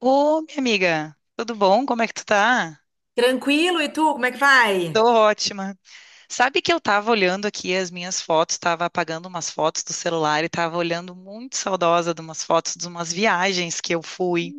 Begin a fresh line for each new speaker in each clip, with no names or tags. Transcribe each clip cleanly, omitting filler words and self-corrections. Ô, minha amiga, tudo bom? Como é que tu tá?
Tranquilo, e tu, como é que vai?
Tô ótima. Sabe que eu tava olhando aqui as minhas fotos, tava apagando umas fotos do celular e tava olhando muito saudosa de umas fotos de umas viagens que eu fui.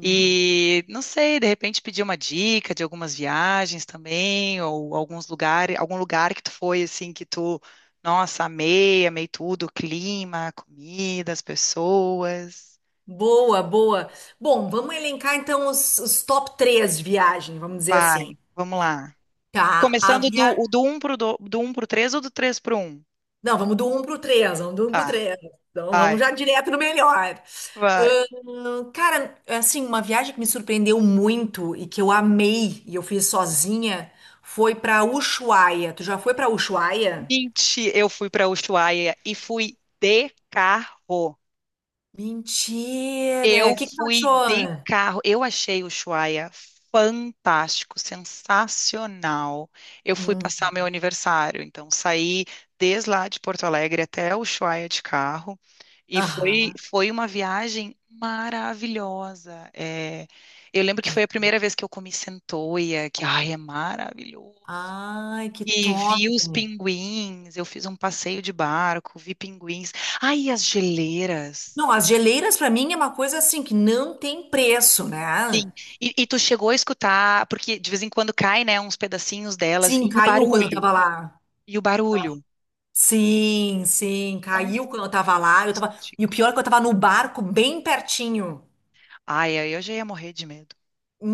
E não sei, de repente pedi uma dica de algumas viagens também, ou alguns lugares, algum lugar que tu foi assim que tu, nossa, amei, amei tudo, o clima, a comida, as pessoas.
Boa, boa. Bom, vamos elencar então os top 3 de viagem, vamos dizer assim.
Vai, vamos lá.
Tá, a
Começando
via...
do 1 pro, do 1 pro 3 ou do 3 pro um?
Não, vamos do 1 pro três, vamos do 1 pro
Ah,
três. Então
vai,
vamos já direto no melhor.
vai.
Cara, assim, uma viagem que me surpreendeu muito e que eu amei e eu fiz sozinha, foi pra Ushuaia. Tu já foi pra Ushuaia?
Mentira, eu fui pra Ushuaia e fui de carro.
Mentira!
Eu
O que que tu
fui de
achou?
carro. Eu achei o Ushuaia fantástico, sensacional. Eu fui passar
Hum.
meu aniversário, então saí desde lá de Porto Alegre até o Ushuaia de carro e foi
Aham.
foi uma viagem maravilhosa. É, eu lembro que foi a primeira vez que eu comi centoia, que ai, é maravilhoso.
Ai, que
E
top!
vi os pinguins, eu fiz um passeio de barco, vi pinguins. Ai, e as geleiras.
Não, as geleiras pra mim é uma coisa assim que não tem preço, né?
Sim. E tu chegou a escutar, porque de vez em quando cai, né, uns pedacinhos delas,
Sim,
e o
caiu quando eu
barulho,
tava lá.
e o barulho.
Sim, sim, caiu quando eu tava lá. Eu tava... E o
Fantástico.
pior é que eu tava no barco bem pertinho.
Ai, ai, eu já ia morrer de medo.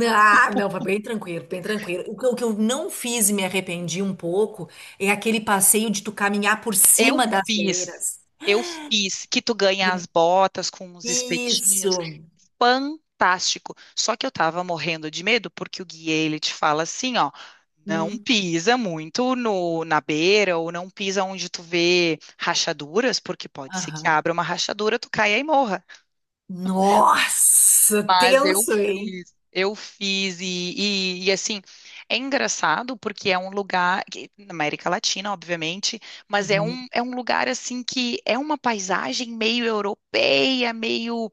Ah, não, foi bem tranquilo, bem tranquilo. O que eu não fiz e me arrependi um pouco é aquele passeio de tu caminhar por
Eu
cima das
fiz,
geleiras.
eu fiz, que tu ganha
Yeah.
as botas com os
Isso.
espetinhos. Fantástico. Só que eu tava morrendo de medo, porque o guia, ele te fala assim, ó, não
Hum,
pisa muito na beira, ou não pisa onde tu vê rachaduras, porque pode ser que
aham.
abra uma rachadura, tu caia e morra.
Nossa,
Mas
tenso, hein?
eu fiz e, assim, é engraçado porque é um lugar, na América Latina, obviamente, mas é
Uhum.
um, é um lugar assim que é uma paisagem meio europeia, meio,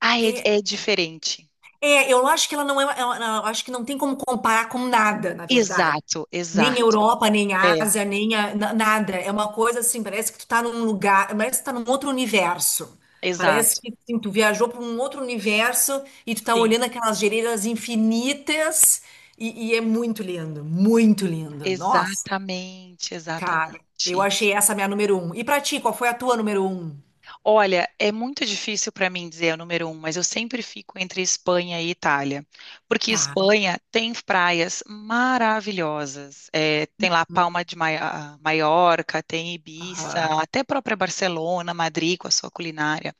ah, é,
É.
é diferente.
É, eu acho que ela não é, eu acho que não tem como comparar com nada, na verdade.
Exato,
Nem
exato,
Europa, nem
é,
Ásia, nem a- na- nada. É uma coisa assim, parece que tu tá num lugar, parece que tu tá num outro universo. Parece
exato,
que assim, tu viajou para um outro universo e tu tá
sim,
olhando aquelas geleiras infinitas e é muito lindo, muito lindo. Nossa,
exatamente,
cara, eu
exatamente.
achei essa minha número um. E pra ti, qual foi a tua número um?
Olha, é muito difícil para mim dizer o número um, mas eu sempre fico entre Espanha e Itália, porque
Tá.
Espanha tem praias maravilhosas. É, tem lá
Hum.
Palma de Maiorca, tem Ibiza,
Aham.
até própria Barcelona, Madrid com a sua culinária.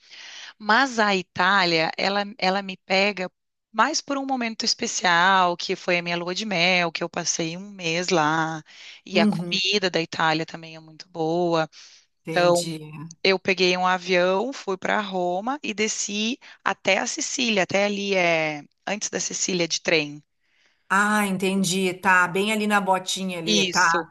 Mas a Itália, ela me pega mais por um momento especial, que foi a minha lua de mel, que eu passei um mês lá, e a
Uhum.
comida da Itália também é muito boa. Então,
Entendi.
eu peguei um avião, fui para Roma e desci até a Sicília, até ali é antes da Sicília de trem.
Ah, entendi. Tá, bem ali na botinha ali, tá.
Isso.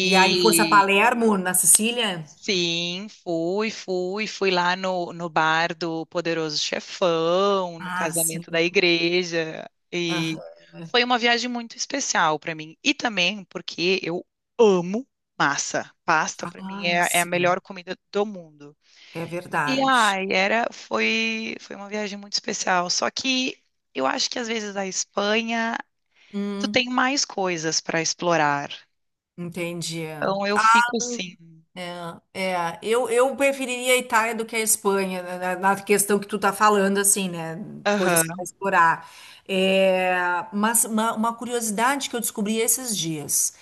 E aí fosse a Palermo, na Sicília?
sim, fui lá no bar do Poderoso Chefão, no
Ah, sim.
casamento da igreja. E
Aham.
foi uma viagem muito especial para mim. E também porque eu amo massa. Pasta para mim
Ah,
é a melhor
sim.
comida do mundo.
É
E
verdade.
ai, foi uma viagem muito especial. Só que eu acho que às vezes a Espanha, tu
Hum,
tem mais coisas para explorar.
entendi.
Então eu fico assim.
É, é, eu preferiria a Itália do que a Espanha, né, na questão que tu tá falando, assim, né? Coisas
Aham.
para explorar. É, mas uma curiosidade que eu descobri esses dias.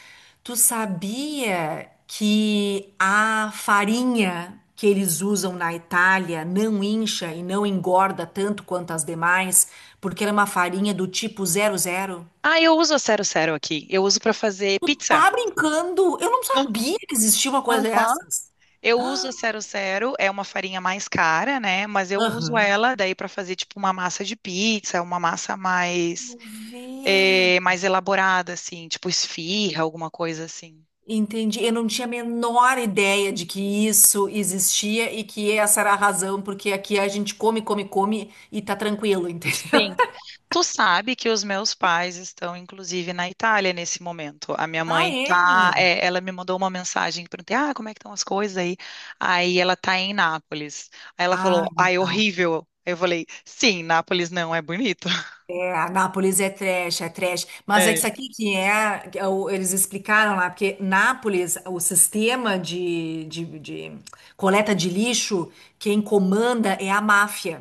Tu sabia que a farinha que eles usam na Itália não incha e não engorda tanto quanto as demais, porque ela é uma farinha do tipo zero zero?
Ah, eu uso a Cero Cero aqui. Eu uso para fazer pizza.
Tá brincando? Eu não
Ah.
sabia que existia uma coisa
Aham.
dessas.
Eu uso
Ah.
a Cero Cero, é uma farinha mais cara, né? Mas eu uso
Aham.
ela daí para fazer tipo uma massa de pizza, uma massa mais
Vê.
mais elaborada assim, tipo esfirra, alguma coisa assim.
Entendi. Eu não tinha a menor ideia de que isso existia e que essa era a razão, porque aqui a gente come, come, come e tá tranquilo, entendeu?
Sim. Tu sabe que os meus pais estão, inclusive, na Itália nesse momento. A minha
Ah,
mãe
é?
tá, é, ela me mandou uma mensagem, perguntei, ah, como é que estão as coisas aí? Aí ela tá em Nápoles. Aí ela
Ah,
falou, ai,
legal.
horrível. Aí eu falei, sim, Nápoles não é bonito.
É, Nápoles é trash, é trash. Mas é que isso
É.
aqui que é, eles explicaram lá, porque Nápoles, o sistema de coleta de lixo, quem comanda é a máfia.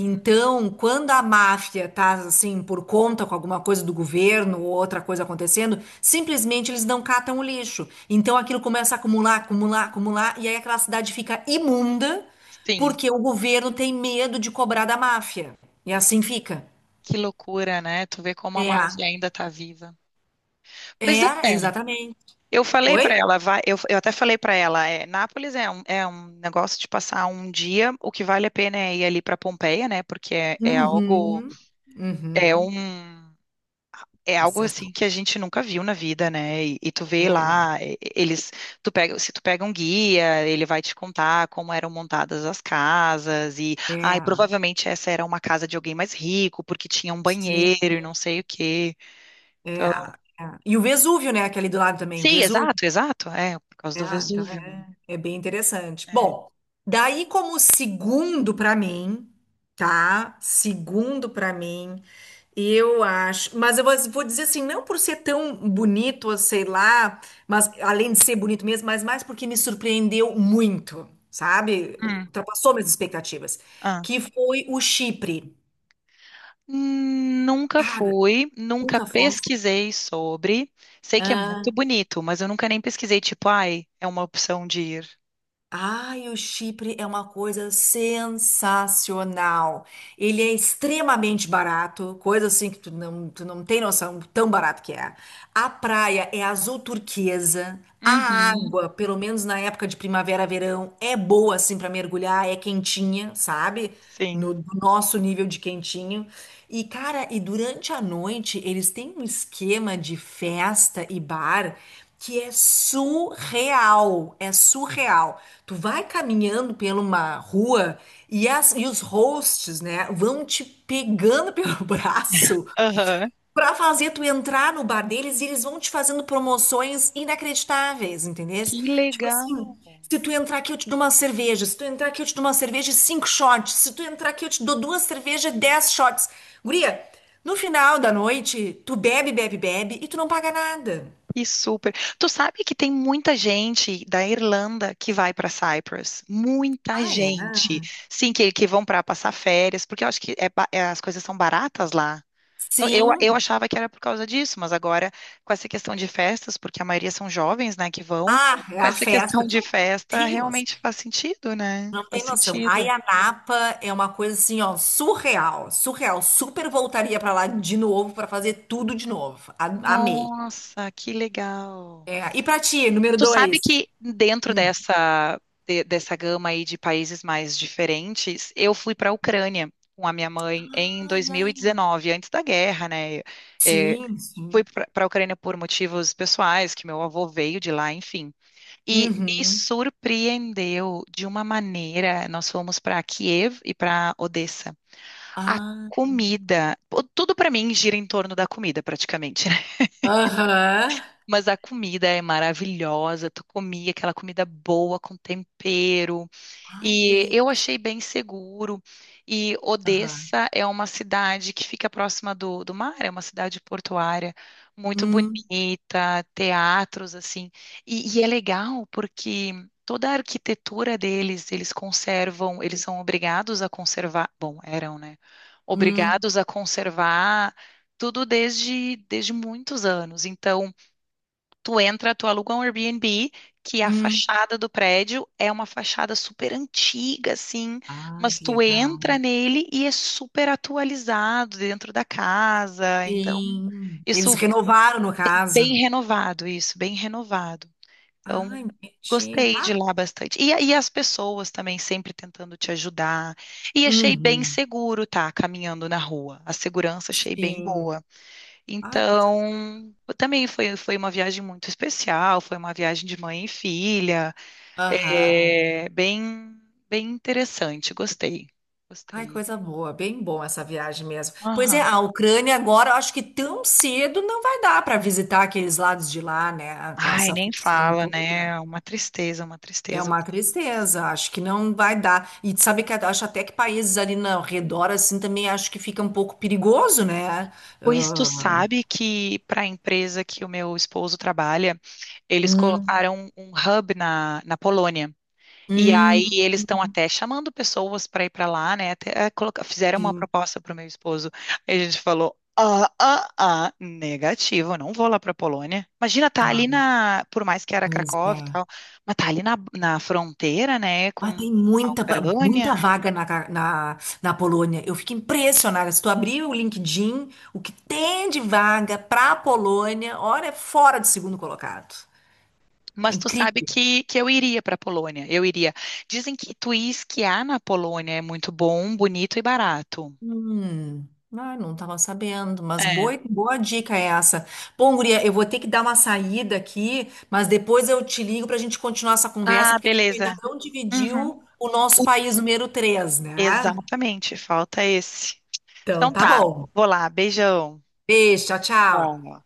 Hum.
quando a máfia tá assim por conta com alguma coisa do governo ou outra coisa acontecendo, simplesmente eles não catam o lixo. Então aquilo começa a acumular, acumular, acumular, e aí aquela cidade fica imunda
Sim,
porque o governo tem medo de cobrar da máfia. E assim fica.
que loucura, né? Tu vê como a
É,
Márcia ainda tá viva. Pois é.
é, exatamente.
Eu falei pra
Oi?
ela, vai, eu até falei pra ela, é, Nápoles é um, negócio de passar um dia, o que vale a pena é ir ali pra Pompeia, né? Porque é algo.
Uhum,
É um
uhum.
É
É
algo assim
sensacional.
que a gente nunca viu na vida, né? E tu vê lá, eles, se tu pega um guia, ele vai te contar como eram montadas as casas e,
É,
ai,
é,
provavelmente essa era uma casa de alguém mais rico porque tinha um
sim,
banheiro e não sei o quê.
é,
Então,
é. E o Vesúvio, né? Aquele do lado também, o
sim,
Vesúvio.
exato, exato, é por causa
É,
do
então
Vesúvio, né?
é, é bem interessante.
É.
Bom, daí como segundo para mim, tá? Segundo para mim. Eu acho, mas eu vou dizer assim, não por ser tão bonito, sei lá, mas além de ser bonito mesmo, mas mais porque me surpreendeu muito, sabe?
Hum.
Ultrapassou minhas expectativas,
Ah.
que foi o Chipre.
Hum. Nunca
Cara,
fui, nunca
nunca fomos.
pesquisei sobre. Sei que é muito bonito, mas eu nunca nem pesquisei, tipo, ai, é uma opção de ir.
Ai, o Chipre é uma coisa sensacional. Ele é extremamente barato, coisa assim que tu não tem noção tão barato que é. A praia é azul turquesa. A
Uhum.
água, pelo menos na época de primavera, verão, é boa assim para mergulhar, é quentinha, sabe?
Sim.
No, do nosso nível de quentinho. E, cara, e durante a noite eles têm um esquema de festa e bar que é surreal, é surreal. Tu vai caminhando pela uma rua e, as, e os hosts, né, vão te pegando pelo braço.
Aham.
Pra fazer tu entrar no bar deles e eles vão te fazendo promoções inacreditáveis, entendesse?
Que
Tipo
legal.
assim, se tu entrar aqui eu te dou uma cerveja, se tu entrar aqui eu te dou uma cerveja e cinco shots, se tu entrar aqui eu te dou duas cervejas e dez shots. Guria, no final da noite, tu bebe, bebe, bebe e tu não paga nada.
E super. Tu sabe que tem muita gente da Irlanda que vai para Cyprus. Muita
Ah, é?
gente. Sim, que vão para passar férias, porque eu acho que as coisas são baratas lá. Não, Eu,
Sim.
eu achava que era por causa disso, mas agora, com essa questão de festas, porque a maioria são jovens, né, que vão,
Ah, é
com
a
essa
festa.
questão
Tu
de
não
festa,
tem
realmente faz sentido, né?
Não
Faz
tem noção. A
sentido.
Napa é uma coisa assim, ó, surreal, surreal. Super voltaria pra lá de novo pra fazer tudo de novo. A- amei.
Nossa, que legal.
É, e pra ti, número
Tu sabe
dois?
que dentro dessa, dessa gama aí de países mais diferentes, eu fui para a Ucrânia com a minha mãe em
Ai, ai.
2019, antes da guerra, né? É,
Sim,
fui
sim.
para a Ucrânia por motivos pessoais, que meu avô veio de lá, enfim. E me
Uhum.
surpreendeu de uma maneira. Nós fomos para Kiev e para Odessa. A
Ah,
comida, pô, tudo para mim gira em torno da comida, praticamente.
aham.
Mas a comida é maravilhosa, tu comia aquela comida boa com tempero,
Ai, que
e eu
delícia.
achei bem seguro. E
Aham.
Odessa é uma cidade que fica próxima do mar, é uma cidade portuária muito
Hum,
bonita, teatros assim. E é legal porque toda a arquitetura deles, eles conservam, eles são obrigados a conservar, bom, eram, né?
hum,
Obrigados a conservar tudo desde muitos anos. Então, tu entra, tu aluga um Airbnb, que a
hum.
fachada do prédio é uma fachada super antiga, assim,
Ai,
mas
que
tu entra
legal.
nele e é super atualizado dentro da casa. Então,
Sim.
isso
Eles renovaram, no
bem
caso.
renovado, isso, bem renovado.
Ai,
Então,
entendi.
gostei de
Pá.
lá bastante. E as pessoas também sempre tentando te ajudar. E achei bem
Uhum.
seguro, tá, caminhando na rua. A segurança achei bem
Sim.
boa.
Ai, coisa.
Então, também foi uma viagem muito especial, foi uma viagem de mãe e filha,
Aham.
é, bem interessante, gostei,
Ai,
gostei.
coisa boa, bem bom essa viagem mesmo. Pois é,
Aham.
a Ucrânia agora, eu acho que tão cedo não vai dar para visitar aqueles lados de lá, né, com
Ai,
essa
nem
função
fala,
toda.
né? Uma tristeza, uma
É
tristeza.
uma tristeza, acho que não vai dar. E sabe que eu acho até que países ali no redor, assim, também acho que fica um pouco perigoso, né?
Pois tu
Ah,
sabe que para a empresa que o meu esposo trabalha, eles
hum,
colocaram um hub na Polônia. E aí
hum,
eles estão até chamando pessoas para ir para lá, né? Até fizeram uma
sim.
proposta para o meu esposo. Aí a gente falou: ah, ah, ah, negativo, eu não vou lá para Polônia. Imagina, tá ali
Ah,
na, por mais que era
pois
Cracóvia e
é.
tal, mas tá ali na fronteira, né,
Ah,
com
tem
a
muita,
Ucrânia.
muita vaga na, na Polônia. Eu fico impressionada. Se tu abrir o LinkedIn, o que tem de vaga para a Polônia, olha, é fora de segundo colocado. É
Mas tu sabe
incrível.
que eu iria para Polônia. Eu iria. Dizem que tu ir esquiar na Polônia é muito bom, bonito e barato.
Hum, ah, não estava sabendo, mas
É.
boa, boa dica é essa. Bom, guria, eu vou ter que dar uma saída aqui, mas depois eu te ligo para a gente continuar essa conversa,
Ah,
porque a gente ainda
beleza.
não
Uhum.
dividiu o nosso
O-
país número 3, né?
Exatamente, falta esse.
Então,
Então
tá
tá,
bom.
vou lá, beijão.
Beijo, tchau, tchau.
Tchau.